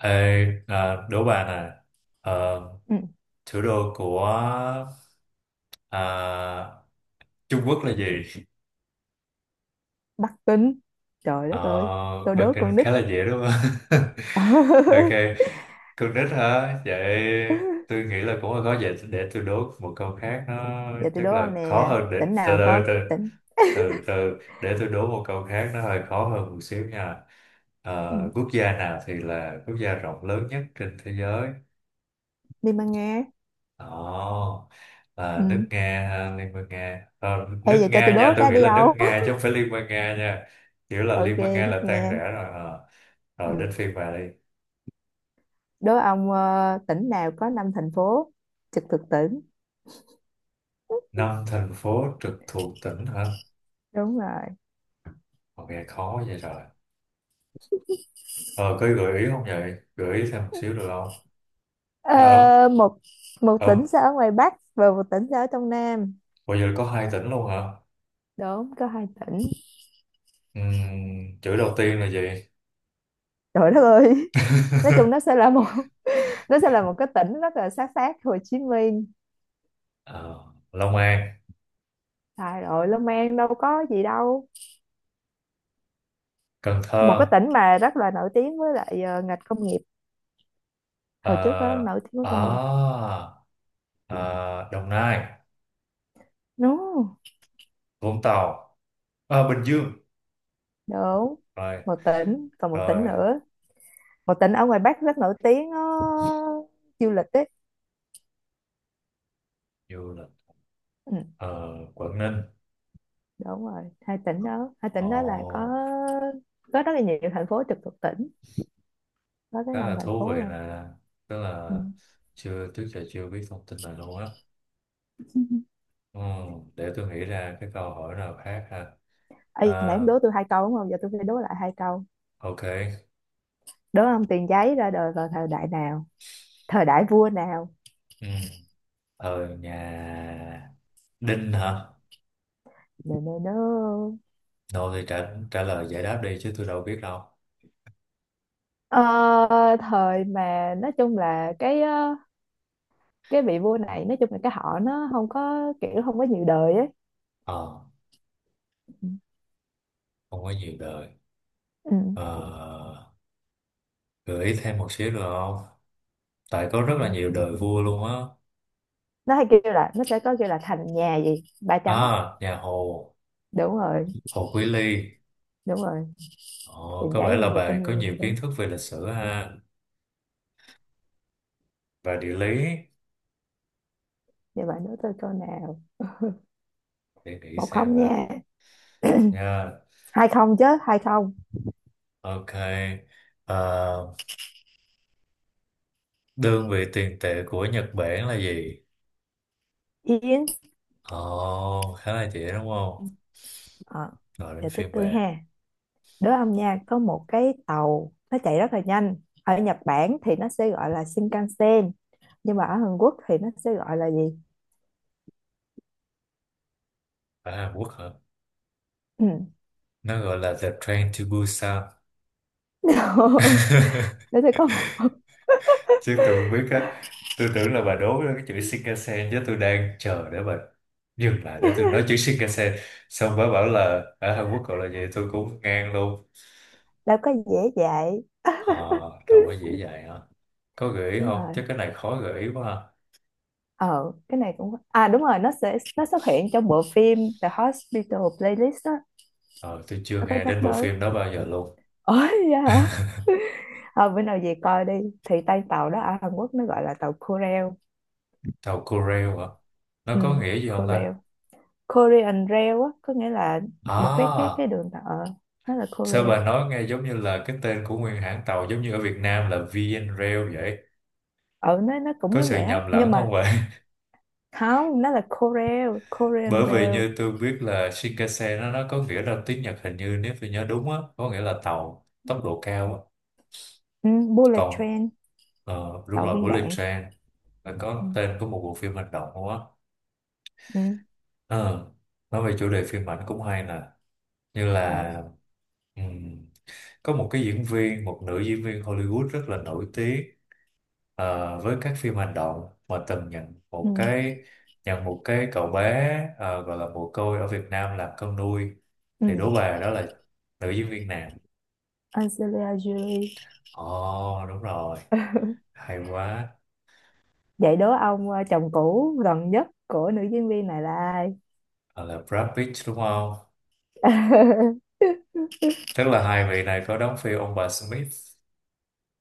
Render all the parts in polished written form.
Ê, à, đố bà nè. Ờ, Ừ. thủ đô của, à, Trung Quốc là gì? Bắc Kinh, trời Ờ, đất ơi, tôi Bắc đố Kinh con nít. khá là dễ đúng không? Ok, con nít hả? Vậy tôi nghĩ là cũng là có vậy, để tôi đố một câu khác. Nó Giờ tôi chắc đố là ông khó nè, hơn. Để tỉnh từ nào có từ từ tỉnh. từ từ, để tôi đố một câu khác, nó hơi khó hơn một xíu nha. Ừ. Ờ, quốc gia nào thì là quốc gia rộng lớn nhất trên thế giới? Liên bang Nga. Ồ, là nước Ừ. Nga ha, Liên bang Nga. Ờ, Ê, nước giờ cho tôi Nga nha, đố tôi cái nghĩ đi là nước ông. Nga chứ không phải Liên bang Nga nha. Kiểu là Ok, Liên bang Nga nước là tan Nga. rã rồi. Ờ. Rồi Ừ. đến phiên bà đi. Đố ông tỉnh nào có năm thành phố trực thuộc tỉnh. Năm thành phố trực thuộc tỉnh hả? Đúng rồi. Ờ, nghe khó vậy rồi. Ờ, có gợi ý không vậy? Gợi ý thêm một xíu được không? Ờ, Nó một một ở, ở, tỉnh sẽ ở ngoài Bắc và một tỉnh sẽ ở trong Nam. bây giờ có hai tỉnh luôn hả? Đúng, có hai tỉnh. Chữ đầu tiên là gì? Trời đất ơi. Nói chung nó sẽ là một. Nó sẽ là một cái tỉnh rất là sát sát Hồ Chí Minh. Ờ, Long An, Trời ơi, Long An đâu có gì đâu. Cần Một cái Thơ, tỉnh mà rất là nổi tiếng với lại ngành công nghiệp. Hồi trước đó, ờ, nổi tiếng với à, công nghiệp. ờ, Đồng Nai. Đúng, Vũng Tàu, à, Bình Dương, đúng. rồi Một tỉnh, còn một tỉnh rồi nữa. Một tỉnh ở ngoài Bắc rất nổi tiếng du lịch ấy. du lịch, Ừ, ờ, Quảng Ninh. đúng rồi, hai tỉnh đó. Hai Ồ, tỉnh đó là có rất là nhiều thành phố trực thuộc tỉnh. Có tới khá năm là thành thú phố vị, luôn. là tức Ừ. là chưa, trước giờ chưa biết thông tin này luôn á. Ừ, để tôi nghĩ ra cái câu hỏi nào khác ha. À, Ê, nãy em đố tôi hai câu đúng không? Giờ tôi phải đố lại hai câu. ok. Đố ông tiền giấy ra đời vào thời đại nào? Thời đại vua nào? Ừ. Thời nhà Đinh hả? Nè nè nè. Đâu thì trả trả lời giải đáp đi chứ tôi đâu biết đâu. Ờ, Thời mà nói chung là cái vị vua này nói chung là cái họ nó không có kiểu không có nhiều đời ấy. Ờ, Ừ. không có nhiều đời. Ừ. Ờ, gợi ý thêm một xíu được không, tại có rất Trời là ơi. nhiều đời vua luôn á. Nó hay kêu là nó sẽ có kêu là thành nhà gì ba chấm. À, nhà Hồ, Đúng rồi. Hồ Quý Ly. Đúng rồi. Ồ, Tiền có vẻ giấy là thì được bà in có rồi nhiều đó. kiến thức về lịch sử ha, và địa lý. Vậy bạn nói tôi câu nào? Để nghĩ Một xem không đã. nha. Nha, Hai không chứ hai không. ok. À, đơn vị tiền tệ của Nhật Bản là gì? Yến. Ồ, khá là dễ đúng không? Ờ. Rồi đến Giờ tới phiên tôi bà. ha. Đố ông nha, có một cái tàu nó chạy rất là nhanh, ở Nhật Bản thì nó sẽ gọi là Shinkansen, nhưng mà ở Hàn Quốc thì nó sẽ gọi là gì? Ở Hàn Quốc hả? Ừ. Nó gọi là The Train to Busan. Để tôi có một. Chứ tôi không biết á. Tôi tưởng là bà đố cái chữ Shinkansen, chứ tôi đang chờ để bà dừng lại để tôi nói chữ Shinkansen, xong bà bảo là ở Hàn Quốc gọi là gì, tôi cũng ngang luôn. Để có dễ dạy. Ờ, đâu có dễ vậy hả? Có gợi ý Đúng không, rồi. chứ cái này khó gợi ý quá à. Ờ cái này cũng, à, đúng rồi, nó xuất hiện trong bộ phim The Hospital Playlist đó. Ờ, tôi chưa Nó có nghe nhắc đến bộ tới. phim đó bao giờ luôn. Ôi vậy hả. Ờ, bữa nào về coi đi, thì tay tàu đó ở Hàn Quốc nó gọi là tàu Korail. Tàu Corail hả? Nó Ừ. có nghĩa gì không ta? Korail, Korean Rail á, có nghĩa là một cái À, đường tàu ờ nó là sao Korail. bà nói nghe giống như là cái tên của nguyên hãng tàu, giống như ở Việt Nam là VN Rail vậy. Ờ, nó cũng Có như sự vậy á, nhầm nhưng lẫn không? mà không, nó là Korail, Korean Bởi vì Rail. như tôi biết là Shinkansen nó có nghĩa là tiếng Nhật, hình như nếu tôi nhớ đúng á, có nghĩa là tàu tốc độ cao á. Ừ, bullet Còn, train. ờ, đúng Tàu rồi, viên Bullet đạn. Train là Ừ. có tên của một bộ phim hành động luôn á. Ừ. Ờ, nói về chủ đề phim ảnh cũng hay nè, như là, Ờ, ừm, có một nữ diễn viên Hollywood rất là nổi tiếng. Ờ, với các phim hành động, mà từng ừ, nhận một cái cậu bé, ờ, gọi là mồ côi ở Việt Nam làm con nuôi. Thì ừ. Đỗ Bà đó là nữ diễn viên nam. Angelina Jolie. Ồ đúng rồi, hay quá. Vậy đố ông, chồng cũ gần nhất của nữ diễn viên này là ai? Hoặc là Brad Pitt đúng không? Tức là hai vị này có đóng phim ông bà Smith,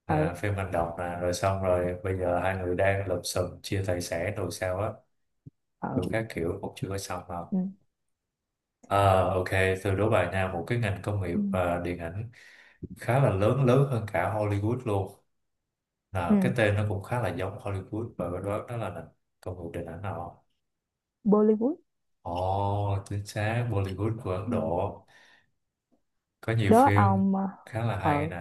à, Ừ, phim hành động nè, rồi xong rồi bây giờ hai người đang lụm xùm chia tài sản rồi sao á, ừ, đủ các kiểu cũng chưa có xong đâu. ừ, Ờ, ok, từ đố bài Nam một cái ngành công nghiệp ừ, và điện ảnh khá là lớn, lớn hơn cả Hollywood luôn, là cái ừ. tên nó cũng khá là giống Hollywood, và đó đó đó là nền công nghiệp điện ảnh nào không? Bollywood. Ồ, chính xác, Bollywood của Ấn Ừ. Độ có nhiều Đố phim ông khá là hay ừ. nè.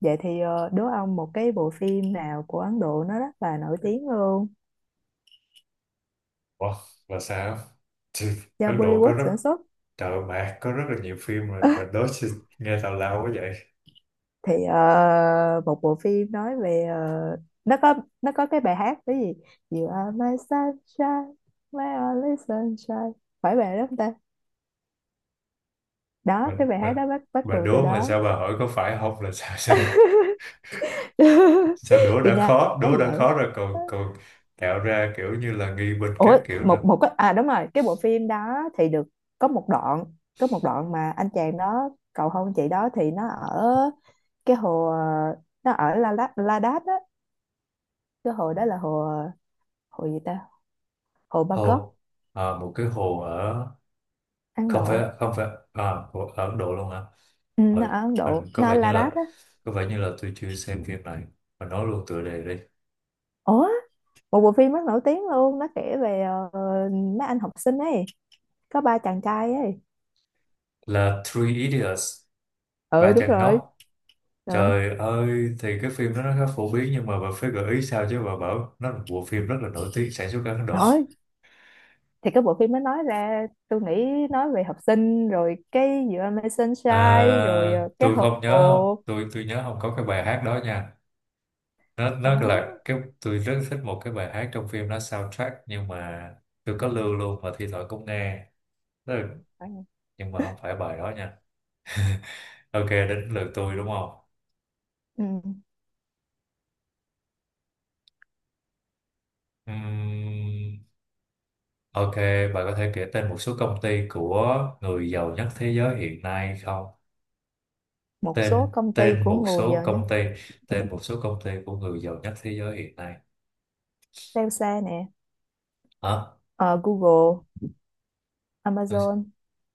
Vậy thì đố ông một cái bộ phim nào của Ấn Độ nó rất là nổi tiếng luôn, Ủa, và sao? Thì do Ấn Độ có Bollywood rất, sản xuất. trời ơi, mẹ có rất là nhiều phim mà bà đố chứ nghe tào lao quá vậy. Thì một bộ phim nói về nó có nó có cái bài hát cái gì. You are my sunshine, my only sunshine. Phải bài đó không ta? Đó, mình cái bài mình hát đó bắt bắt bà cụ từ đố mà đó. sao bà hỏi có phải không là sao sao, sao đố Tôi đã nhớ. khó, đố đã Vậy. khó rồi, còn còn tạo ra kiểu như là nghi binh các Ủa, kiểu nữa. một một cái, à đúng rồi, cái bộ phim đó thì được. Có một đoạn. Có một đoạn mà anh chàng đó cầu hôn chị đó thì nó ở cái hồ nó ở La Đát La Đát á. Cái hồ đó là hồ. Hồ gì ta? Hồ Bangkok. Hồ? À, một cái hồ ở, Ấn không phải, Độ. không phải. À, hồ ở Ấn Độ luôn hả? Ừ, nó Rồi, ở Ấn Độ, mình nó ở La Đát á. có vẻ như là tôi chưa xem phim này. Mình nói luôn tựa đề đi. Ủa, một bộ phim rất nổi tiếng luôn, nó kể về mấy anh học sinh ấy. Có ba chàng trai ấy. Là Three Idiots, Ừ, ba đúng chàng rồi. ngốc. Ừ. Trời ơi, thì cái phim đó nó khá phổ biến, nhưng mà bà phải gợi ý sao, chứ bà bảo nó là một bộ phim rất là nổi tiếng sản xuất ở Ấn Độ. Trời ơi, thì cái bộ phim mới nói ra tôi nghĩ nói về học sinh rồi cái giữa Amazing Sunshine À, rồi cái tôi không nhớ, không, hồ tôi nhớ không có cái bài hát đó nha. nó cá nó là cái, tôi rất thích một cái bài hát trong phim, nó soundtrack, nhưng mà tôi có lưu luôn và thi thoảng cũng nghe. Tức là- phải không? nhưng mà không phải bài đó nha. Ok, đến lượt tôi đúng không? Ừ. Ừm, ok, bạn có thể kể tên một số công ty của người giàu nhất thế giới hiện nay không? Một số tên công ty tên của một người số giàu nhé. công ty, tên một số công ty của người giàu nhất thế giới hiện nay. Telsa nè. Hả? Ờ, Google. Amazon.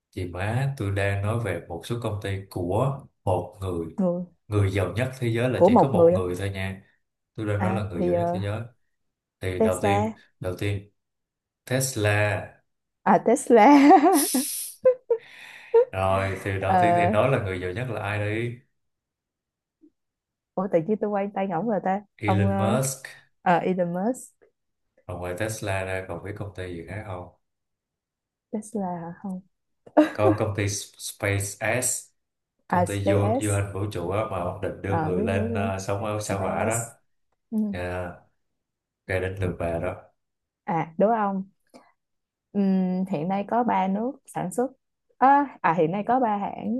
Chị má, tôi đang nói về một số công ty của một người. Người Người giàu nhất thế giới là của chỉ có một một người thôi. người thôi nha. Tôi đang nói À, là người thì giàu nhất thế giới. Thì đầu tiên, Tesla. đầu tiên Tesla. À, Tesla. Rồi, thì đầu tiên thì Ờ, nói là người giàu nhất là ai đi? ủa tự nhiên tôi quay tay ngỗng rồi ta ông Elon ờ, Musk. Elon Musk. Rồi ngoài Tesla ra còn biết công ty gì khác không? Tesla hả? Không. Có công ty SpaceX, À, công ty du, du SpaceX. hành vũ trụ á, mà ông định đưa Ờ, người biết biết lên, biết. ờ, sống ở sao hỏa đó. SpaceX. Ừ. Nha, cái đến lượt bà đó. À, đúng không. Hiện nay có ba nước sản xuất. Hiện nay có ba hãng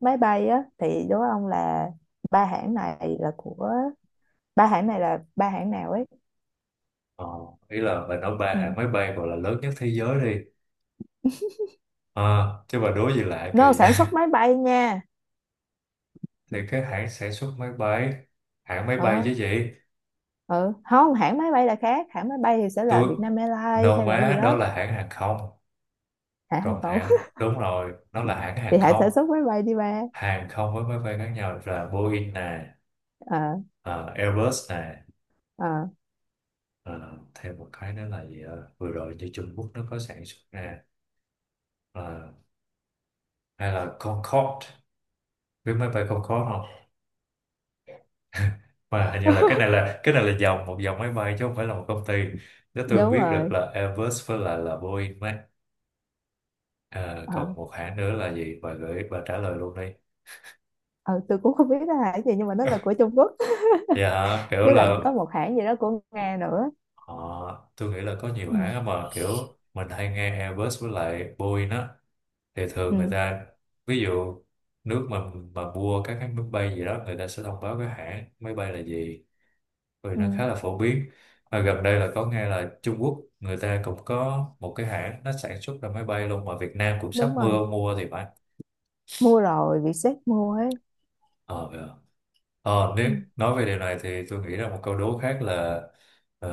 máy bay á, thì đố ông là ba hãng này là của, ba hãng này là ba hãng nào ấy? Ờ, ý là bà nói ba hãng Ừ. máy bay gọi là lớn nhất thế giới đi, ờ, chứ bà đố gì lạ No, kỳ vậy. sản xuất máy bay nha. Thì cái hãng sản xuất máy bay, hãng máy bay Ờ. chứ gì. Ừ. Không, hãng máy bay là khác, hãng máy bay thì sẽ là Tôi Vietnam Airlines nâu hay là gì má, đó đó. là hãng hàng không. Hãng hàng Còn không. hãng, đúng rồi, nó là hãng Thì hàng hãng không, sản xuất máy bay đi ba. hàng không với máy bay khác nhau, là Boeing nè, Ờ. ờ, Airbus nè, Ờ. ờ, thêm một cái nữa là gì, ờ, vừa rồi như Trung Quốc nó có sản xuất nè, ờ, hay là Concorde. Biết máy bay Concorde không? Mà hình như là cái này là cái này là dòng, một dòng máy bay chứ không phải là một công ty. Nếu tôi Đúng biết được rồi. là Airbus với lại là Boeing ấy. Ờ, Ờ. còn một hãng nữa là gì, bà gửi, bà trả lời luôn đi. Ờ, tôi cũng không biết nó là hãng gì nhưng mà nó là của Trung Quốc. Dạ hả? Kiểu Với lại là có một hãng gì đó của Nga nữa. họ, tôi nghĩ là có nhiều hãng á, Ừ. mà kiểu mình hay nghe Airbus với lại Boeing á, thì thường người Ừ. ta, ví dụ, nước mà mua các cái máy bay gì đó, người ta sẽ thông báo cái hãng máy bay là gì, vì Ừ, nó khá là phổ biến. Và gần đây là có nghe là Trung Quốc người ta cũng có một cái hãng, nó sản xuất ra máy bay luôn, mà Việt Nam cũng sắp đúng rồi, mua thì phải. mua rồi, Vietjet mua ấy. Ờ, ờ. Ờ, Ừ. nếu nói về điều này thì tôi nghĩ là một câu đố khác là, ờ,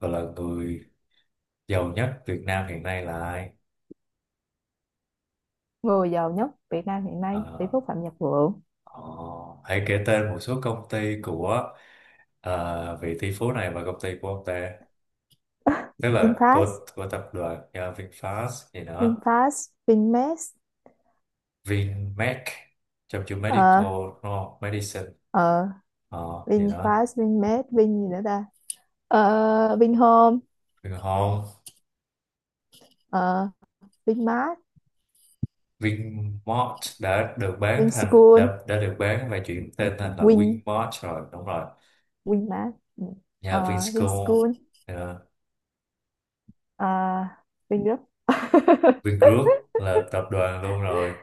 gọi là người giàu nhất Việt Nam hiện nay là ai? Người giàu nhất Việt Nam hiện Ờ, nay tỷ phú Phạm Nhật Vượng. ờ, hãy kể tên một số công ty của, ờ, vị tỷ phú này, và công ty của ông ta, tức là VinFast. của tập đoàn, ờ, VinFast gì đó. VinFast, VinMex. VinMed, trong chữ medical Ờ. đúng không? Medicine. Ờ. Ờ, gì đó. VinFast, VinMex, Vin gì nữa ta? Ờ, Vinhome. Vin Home. Ờ, Vinmart. Vinmart đã được bán thành, Vinschool. đã được bán và chuyển tên thành là Win Vinmart rồi, đúng rồi. Winmart. Ừ. Nhà Ờ, Vinschool. Vinschool. Ờ, Ờ, Vingroup. Vingroup là tập đoàn luôn rồi.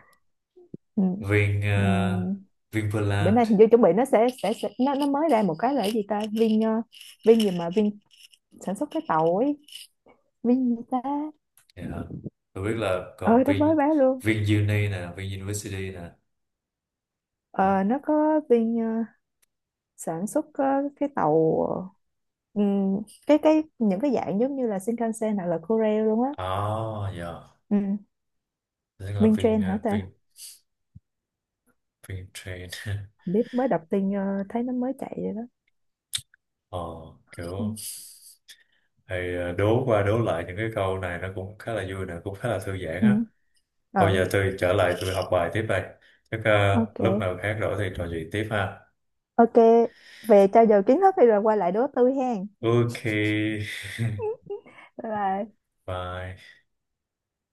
Ừ. Vin Ừ. uh, Bữa Vinpearland. nay hình như chuẩn bị nó sẽ nó mới ra một cái là cái gì ta, Vin Vin gì mà Vin sản xuất cái tàu ấy. Vin gì ta? Dạ. Tôi biết là Ờ, còn nó mới Vin, bán luôn. VinUni nè, VinUniversity nè. Ờ, Đó. nó có viên sản xuất cái tàu ừm, cái những cái dạng giống như là Shinkansen hoặc là Korail luôn á. À dạ, Ừ. tức là Minh train hả ta? Vintrain. Không biết, mới đọc tin thấy nó mới chạy rồi đó. Ờ, Ừ. kiểu, hay ờ, đố qua đố lại những cái câu này nó cũng khá là vui nè, cũng khá là thư giãn Ừ. á. Thôi Ờ. giờ tôi trở lại tôi học bài tiếp đây, chắc ờ, lúc Ok. nào khác rỗi thì trò chuyện tiếp ha. Ok. Về trao dồi kiến thức thì rồi quay lại đố tôi hen. Ok. Bye bye. Bye.